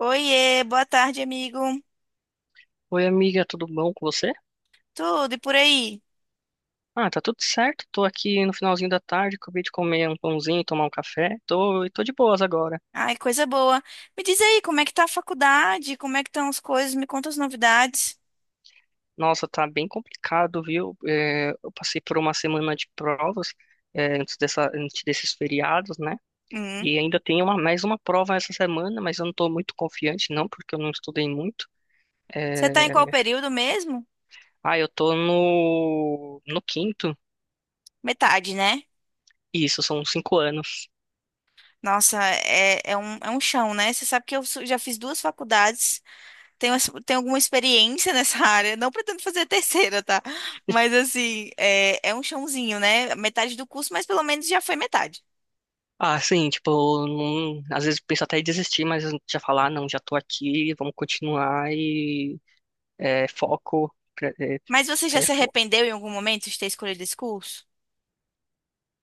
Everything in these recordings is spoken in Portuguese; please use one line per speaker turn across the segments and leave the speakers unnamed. Oiê, boa tarde, amigo.
Oi, amiga, tudo bom com você?
Tudo e por aí?
Ah, tá tudo certo. Tô aqui no finalzinho da tarde, acabei de comer um pãozinho, e tomar um café. Tô de boas agora.
Ai, coisa boa. Me diz aí, como é que tá a faculdade? Como é que estão as coisas? Me conta as novidades.
Nossa, tá bem complicado, viu? Eu passei por uma semana de provas, antes dessa, antes desses feriados, né?
Hum.
E ainda tem uma, mais uma prova essa semana, mas eu não tô muito confiante, não, porque eu não estudei muito.
Você tá em qual
É,
período mesmo?
eu tô no quinto.
Metade, né?
Isso, são cinco anos.
Nossa, é um chão, né? Você sabe que eu já fiz duas faculdades, tenho alguma experiência nessa área. Não pretendo fazer a terceira, tá? Mas assim, é um chãozinho, né? Metade do curso, mas pelo menos já foi metade.
Ah, sim, tipo, não- às vezes penso até em desistir, mas já falar, "Ah, não, já tô aqui, vamos continuar e foco.
Mas você já
É,
se
fo-
arrependeu em algum momento de ter escolhido esse curso?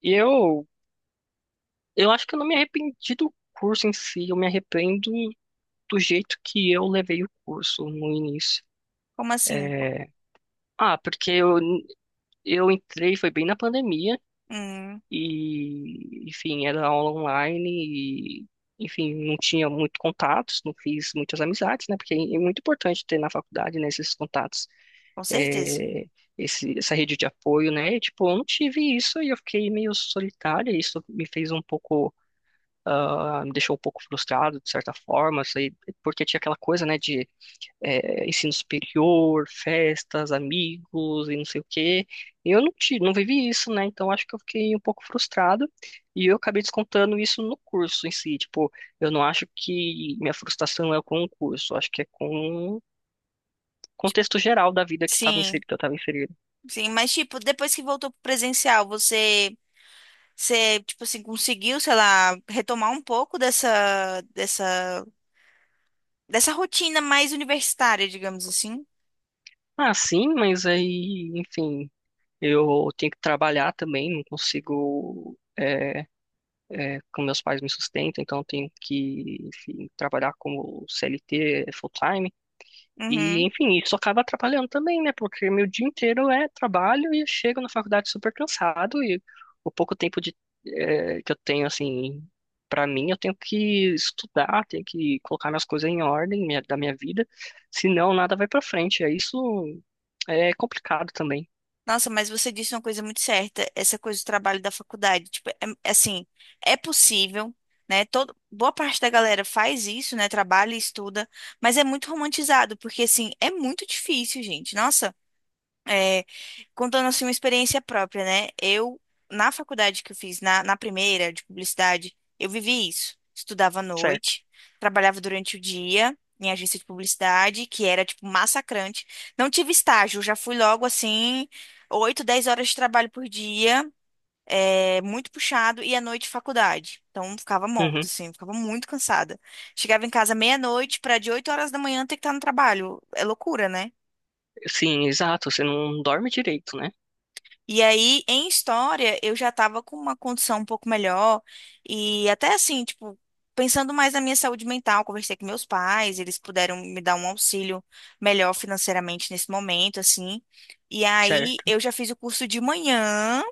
E eu acho que eu não me arrependi do curso em si, eu me arrependo do jeito que eu levei o curso no início.
Como assim?
É, Porque eu entrei, foi bem na pandemia.
Hum,
E, enfim, era aula online e, enfim, não tinha muito contatos, não fiz muitas amizades, né? Porque é muito importante ter na faculdade, né, esses contatos,
com certeza.
é, essa rede de apoio, né? E, tipo, eu não tive isso e eu fiquei meio solitária, e isso me fez um pouco, ah, me deixou um pouco frustrado, de certa forma, sei, porque tinha aquela coisa, né, de ensino superior, festas, amigos e não sei o quê. E eu não tive, não vivi isso, né? Então acho que eu fiquei um pouco frustrado e eu acabei descontando isso no curso em si. Tipo, eu não acho que minha frustração é com o curso, acho que é com o contexto geral da vida que estava
Sim,
inserido, que eu estava inserido.
sim, mas tipo, depois que voltou pro presencial, você, tipo assim, conseguiu, sei lá, retomar um pouco dessa rotina mais universitária, digamos assim?
Ah, sim, mas aí, enfim, eu tenho que trabalhar também, não consigo. Como meus pais me sustentam, então eu tenho que, enfim, trabalhar como CLT full-time. E,
Uhum.
enfim, isso acaba atrapalhando também, né? Porque meu dia inteiro é trabalho e eu chego na faculdade super cansado e o pouco tempo de, que eu tenho, assim, pra mim, eu tenho que estudar, tenho que colocar minhas coisas em ordem minha- da minha vida, senão nada vai pra frente. É isso é complicado também,
Nossa, mas você disse uma coisa muito certa, essa coisa do trabalho da faculdade. Tipo, é assim, é possível, né? Todo, boa parte da galera faz isso, né? Trabalha e estuda, mas é muito romantizado, porque assim, é muito difícil, gente. Nossa. é, contando assim uma experiência própria, né? Eu, na faculdade que eu fiz, na primeira de publicidade, eu vivi isso. Estudava à
certo?
noite, trabalhava durante o dia em agência de publicidade, que era tipo massacrante. Não tive estágio, já fui logo assim, 8 10 horas de trabalho por dia, é muito puxado, e à noite faculdade. Então ficava morta,
Uhum.
assim, ficava muito cansada. Chegava em casa meia-noite para de 8 horas da manhã ter que estar no trabalho. É loucura, né?
Sim, exato. Você não dorme direito, né?
E aí, em história, eu já estava com uma condição um pouco melhor. E até assim, tipo, pensando mais na minha saúde mental, conversei com meus pais, eles puderam me dar um auxílio melhor financeiramente nesse momento, assim. E aí,
Certo.
eu já fiz o curso de manhã.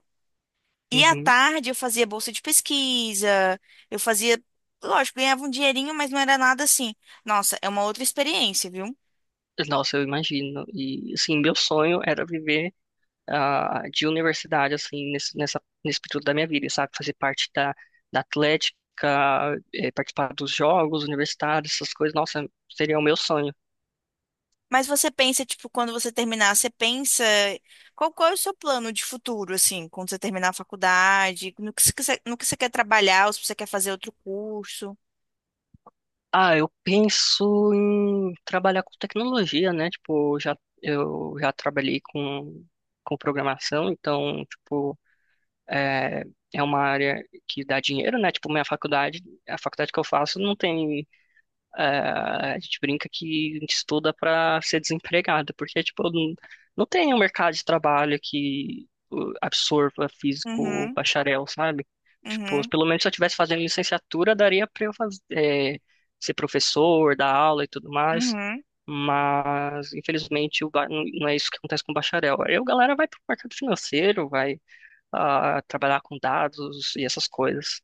E à
Uhum.
tarde, eu fazia bolsa de pesquisa. Eu fazia, lógico, ganhava um dinheirinho, mas não era nada assim. Nossa, é uma outra experiência, viu?
Nossa, eu imagino. E, assim, meu sonho era viver ah, de universidade, assim, nesse período da minha vida, sabe? Fazer parte da atlética, participar dos jogos universitários, essas coisas, nossa, seria o meu sonho.
Mas você pensa, tipo, quando você terminar, você pensa qual, qual é o seu plano de futuro, assim, quando você terminar a faculdade, no que você, quer- no que você quer trabalhar, ou se você quer fazer outro curso.
Ah, eu penso em trabalhar com tecnologia, né? Tipo, já, eu já trabalhei com programação, então, tipo, é, é uma área que dá dinheiro, né? Tipo, minha faculdade, a faculdade que eu faço não tem. Ah, a gente brinca que a gente estuda para ser desempregado, porque, tipo, não, não tem um mercado de trabalho que absorva físico
Uhum,
bacharel, sabe? Tipo,
uhum,
pelo menos se eu estivesse fazendo licenciatura, daria para eu ser professor, dar aula e tudo mais,
uhum.
mas, infelizmente, o ba- não é isso que acontece com o bacharel. Aí a galera vai para o mercado financeiro, vai trabalhar com dados e essas coisas.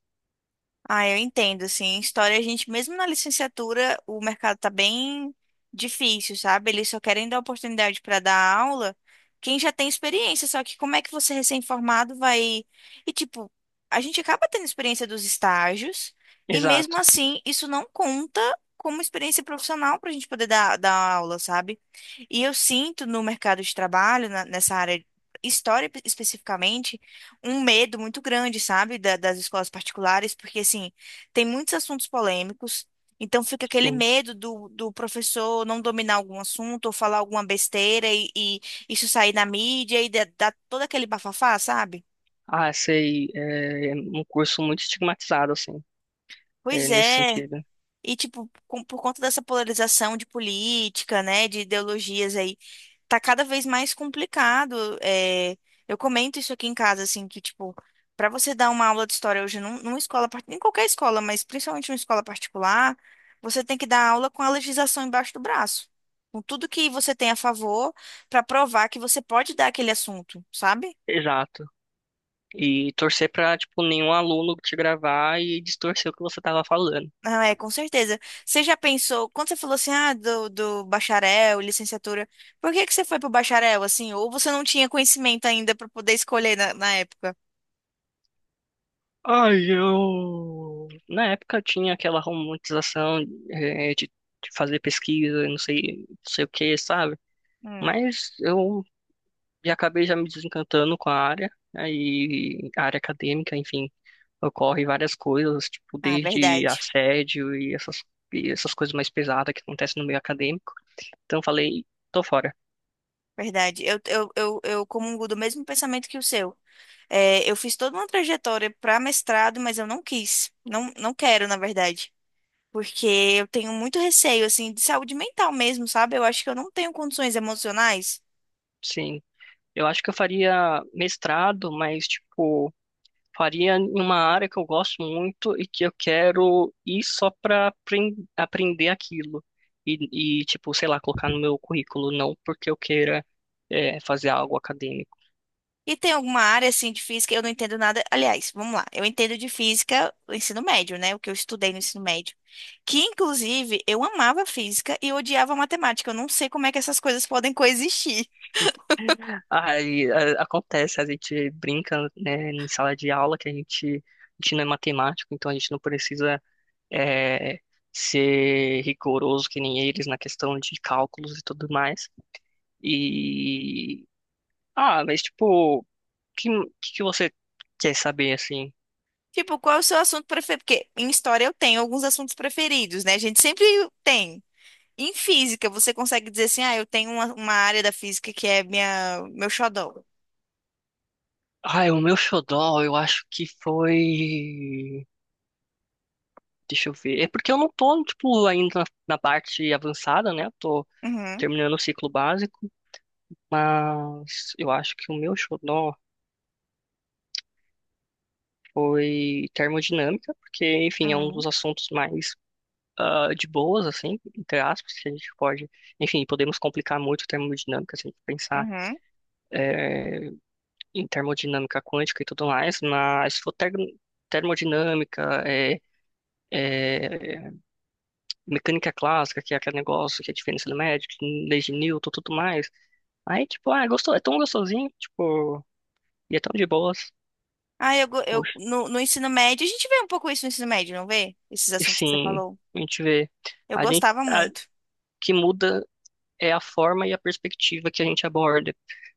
Ah, eu entendo, assim, história a gente, mesmo na licenciatura, o mercado tá bem difícil, sabe? Eles só querem dar oportunidade para dar aula quem já tem experiência, só que como é que você recém-formado vai... E, tipo, a gente acaba tendo experiência dos estágios e, mesmo
Exato,
assim, isso não conta como experiência profissional para a gente poder dar aula, sabe? E eu sinto no mercado de trabalho, nessa área, história especificamente, um medo muito grande, sabe, das escolas particulares, porque, assim, tem muitos assuntos polêmicos, então fica aquele
sim.
medo do professor não dominar algum assunto ou falar alguma besteira e isso sair na mídia e dar todo aquele bafafá, sabe?
Ah, sei, é um curso muito estigmatizado, assim, é,
Pois
nesse
é.
sentido.
E, tipo, por conta dessa polarização de política, né, de ideologias aí tá cada vez mais complicado. É, eu comento isso aqui em casa, assim, que, tipo, para você dar uma aula de história hoje numa escola, em qualquer escola, mas principalmente numa escola particular, você tem que dar aula com a legislação embaixo do braço. Com tudo que você tem a favor, para provar que você pode dar aquele assunto, sabe?
Exato. E torcer pra, tipo, nenhum aluno te gravar e distorcer o que você tava falando.
Ah, é, com certeza. Você já pensou, quando você falou assim, ah, do bacharel, licenciatura, por que que você foi pro bacharel, assim? Ou você não tinha conhecimento ainda para poder escolher na época?
Ai, eu... Na época tinha aquela romantização, é, de fazer pesquisa, não sei, não sei o que, sabe?
Hum.
Mas eu já acabei já me desencantando com a área, aí, a área acadêmica, enfim. Ocorre várias coisas, tipo,
Ah,
desde
verdade.
assédio e essas coisas mais pesadas que acontecem no meio acadêmico. Então eu falei, tô fora.
Verdade. Eu comungo do mesmo pensamento que o seu. É, eu fiz toda uma trajetória para mestrado, mas eu não quis. Não, não quero, na verdade. Porque eu tenho muito receio, assim, de saúde mental mesmo, sabe? Eu acho que eu não tenho condições emocionais.
Sim, eu acho que eu faria mestrado, mas, tipo, faria em uma área que eu gosto muito e que eu quero ir só pra apren- aprender aquilo. Tipo, sei lá, colocar no meu currículo, não porque eu queira, fazer algo acadêmico.
E tem alguma área, assim, de física, eu não entendo nada. Aliás, vamos lá. Eu entendo de física o ensino médio, né? O que eu estudei no ensino médio. Que, inclusive, eu amava física e odiava matemática. Eu não sei como é que essas coisas podem coexistir.
Aí, a- acontece, a gente brinca, né, em sala de aula que a gente não é matemático, então a gente não precisa é, ser rigoroso que nem eles na questão de cálculos e tudo mais. E ah, mas tipo, que, que você quer saber assim?
Tipo, qual é o seu assunto preferido? Porque em história eu tenho alguns assuntos preferidos, né? A gente sempre tem. Em física, você consegue dizer assim, ah, eu tenho uma, área da física que é minha, meu xodó.
Ah, o meu xodó, eu acho que foi. Deixa eu ver. É porque eu não tô, tipo, ainda na parte avançada, né? Eu tô
Uhum,
terminando o ciclo básico. Mas eu acho que o meu xodó foi termodinâmica, porque, enfim, é um
uhum,
dos assuntos mais ah, de boas, assim, entre aspas, que a gente pode, enfim, podemos complicar muito termodinâmica, se a gente pensar
uhum.
em termodinâmica quântica e tudo mais, mas se for termodinâmica, é, mecânica clássica, que é aquele negócio que é a diferença do médico, lei de Newton, tudo mais, aí, tipo, ah, gostou, é tão gostosinho, tipo, e é tão de boas.
Ah, eu
Poxa,
no ensino médio, a gente vê um pouco isso no ensino médio, não vê? Esses
e
assuntos que você
sim,
falou.
a gente vê.
Eu
A gente,
gostava muito.
que muda é a forma e a perspectiva que a gente aborda.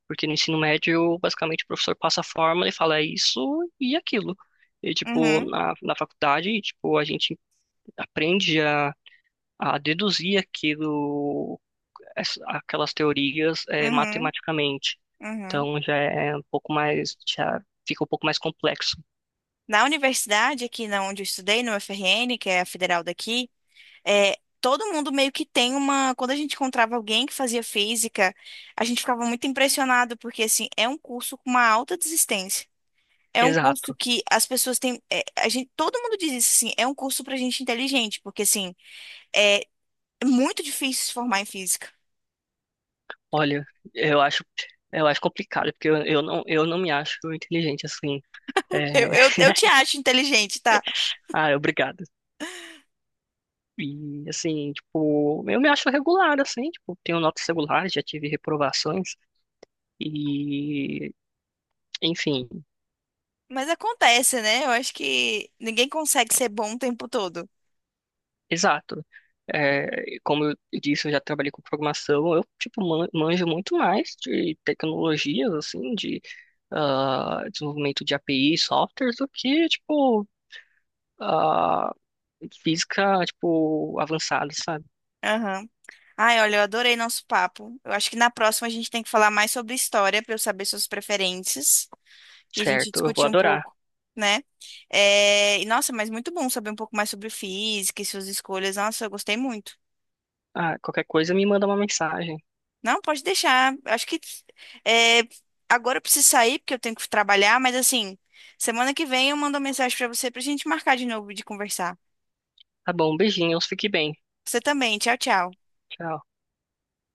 Porque no ensino médio, basicamente, o professor passa a forma e fala é isso e aquilo. E, tipo,
Uhum,
na faculdade, tipo, a gente aprende a deduzir aquilo, essa- aquelas teorias
uhum,
matematicamente.
uhum.
Então, já é um pouco mais, já fica um pouco mais complexo.
Na universidade, aqui na onde eu estudei, no FRN, que é a federal daqui, é, todo mundo meio que tem uma. Quando a gente encontrava alguém que fazia física, a gente ficava muito impressionado, porque assim, é um curso com uma alta desistência. É um curso
Exato.
que as pessoas têm. A gente, todo mundo diz isso, assim, é um curso pra gente inteligente, porque assim, é muito difícil se formar em física.
Olha, eu acho, eu acho complicado, porque eu não me acho inteligente assim.
Eu,
É,
eu, eu te acho inteligente, tá?
Ah, obrigado. E, assim, tipo, eu me acho regular, assim, tipo, tenho notas regulares, já tive reprovações, e, enfim,
Mas acontece, né? Eu acho que ninguém consegue ser bom o tempo todo.
exato. É, como eu disse, eu já trabalhei com programação, eu, tipo, man- manjo muito mais de tecnologias, assim, de ah, desenvolvimento de API, softwares, do que, tipo, ah, física, tipo, avançada, sabe?
Aham. Ai, olha, eu adorei nosso papo. Eu acho que na próxima a gente tem que falar mais sobre história pra eu saber suas preferências. E a gente
Certo, eu vou
discutir um
adorar.
pouco, né? É, e nossa, mas muito bom saber um pouco mais sobre física e suas escolhas. Nossa, eu gostei muito.
Ah, qualquer coisa me manda uma mensagem.
Não, pode deixar. Acho que é, agora eu preciso sair porque eu tenho que trabalhar, mas assim, semana que vem eu mando uma mensagem pra você pra gente marcar de novo de conversar.
Tá bom, beijinhos, fique bem.
Você também. Tchau, tchau.
Tchau.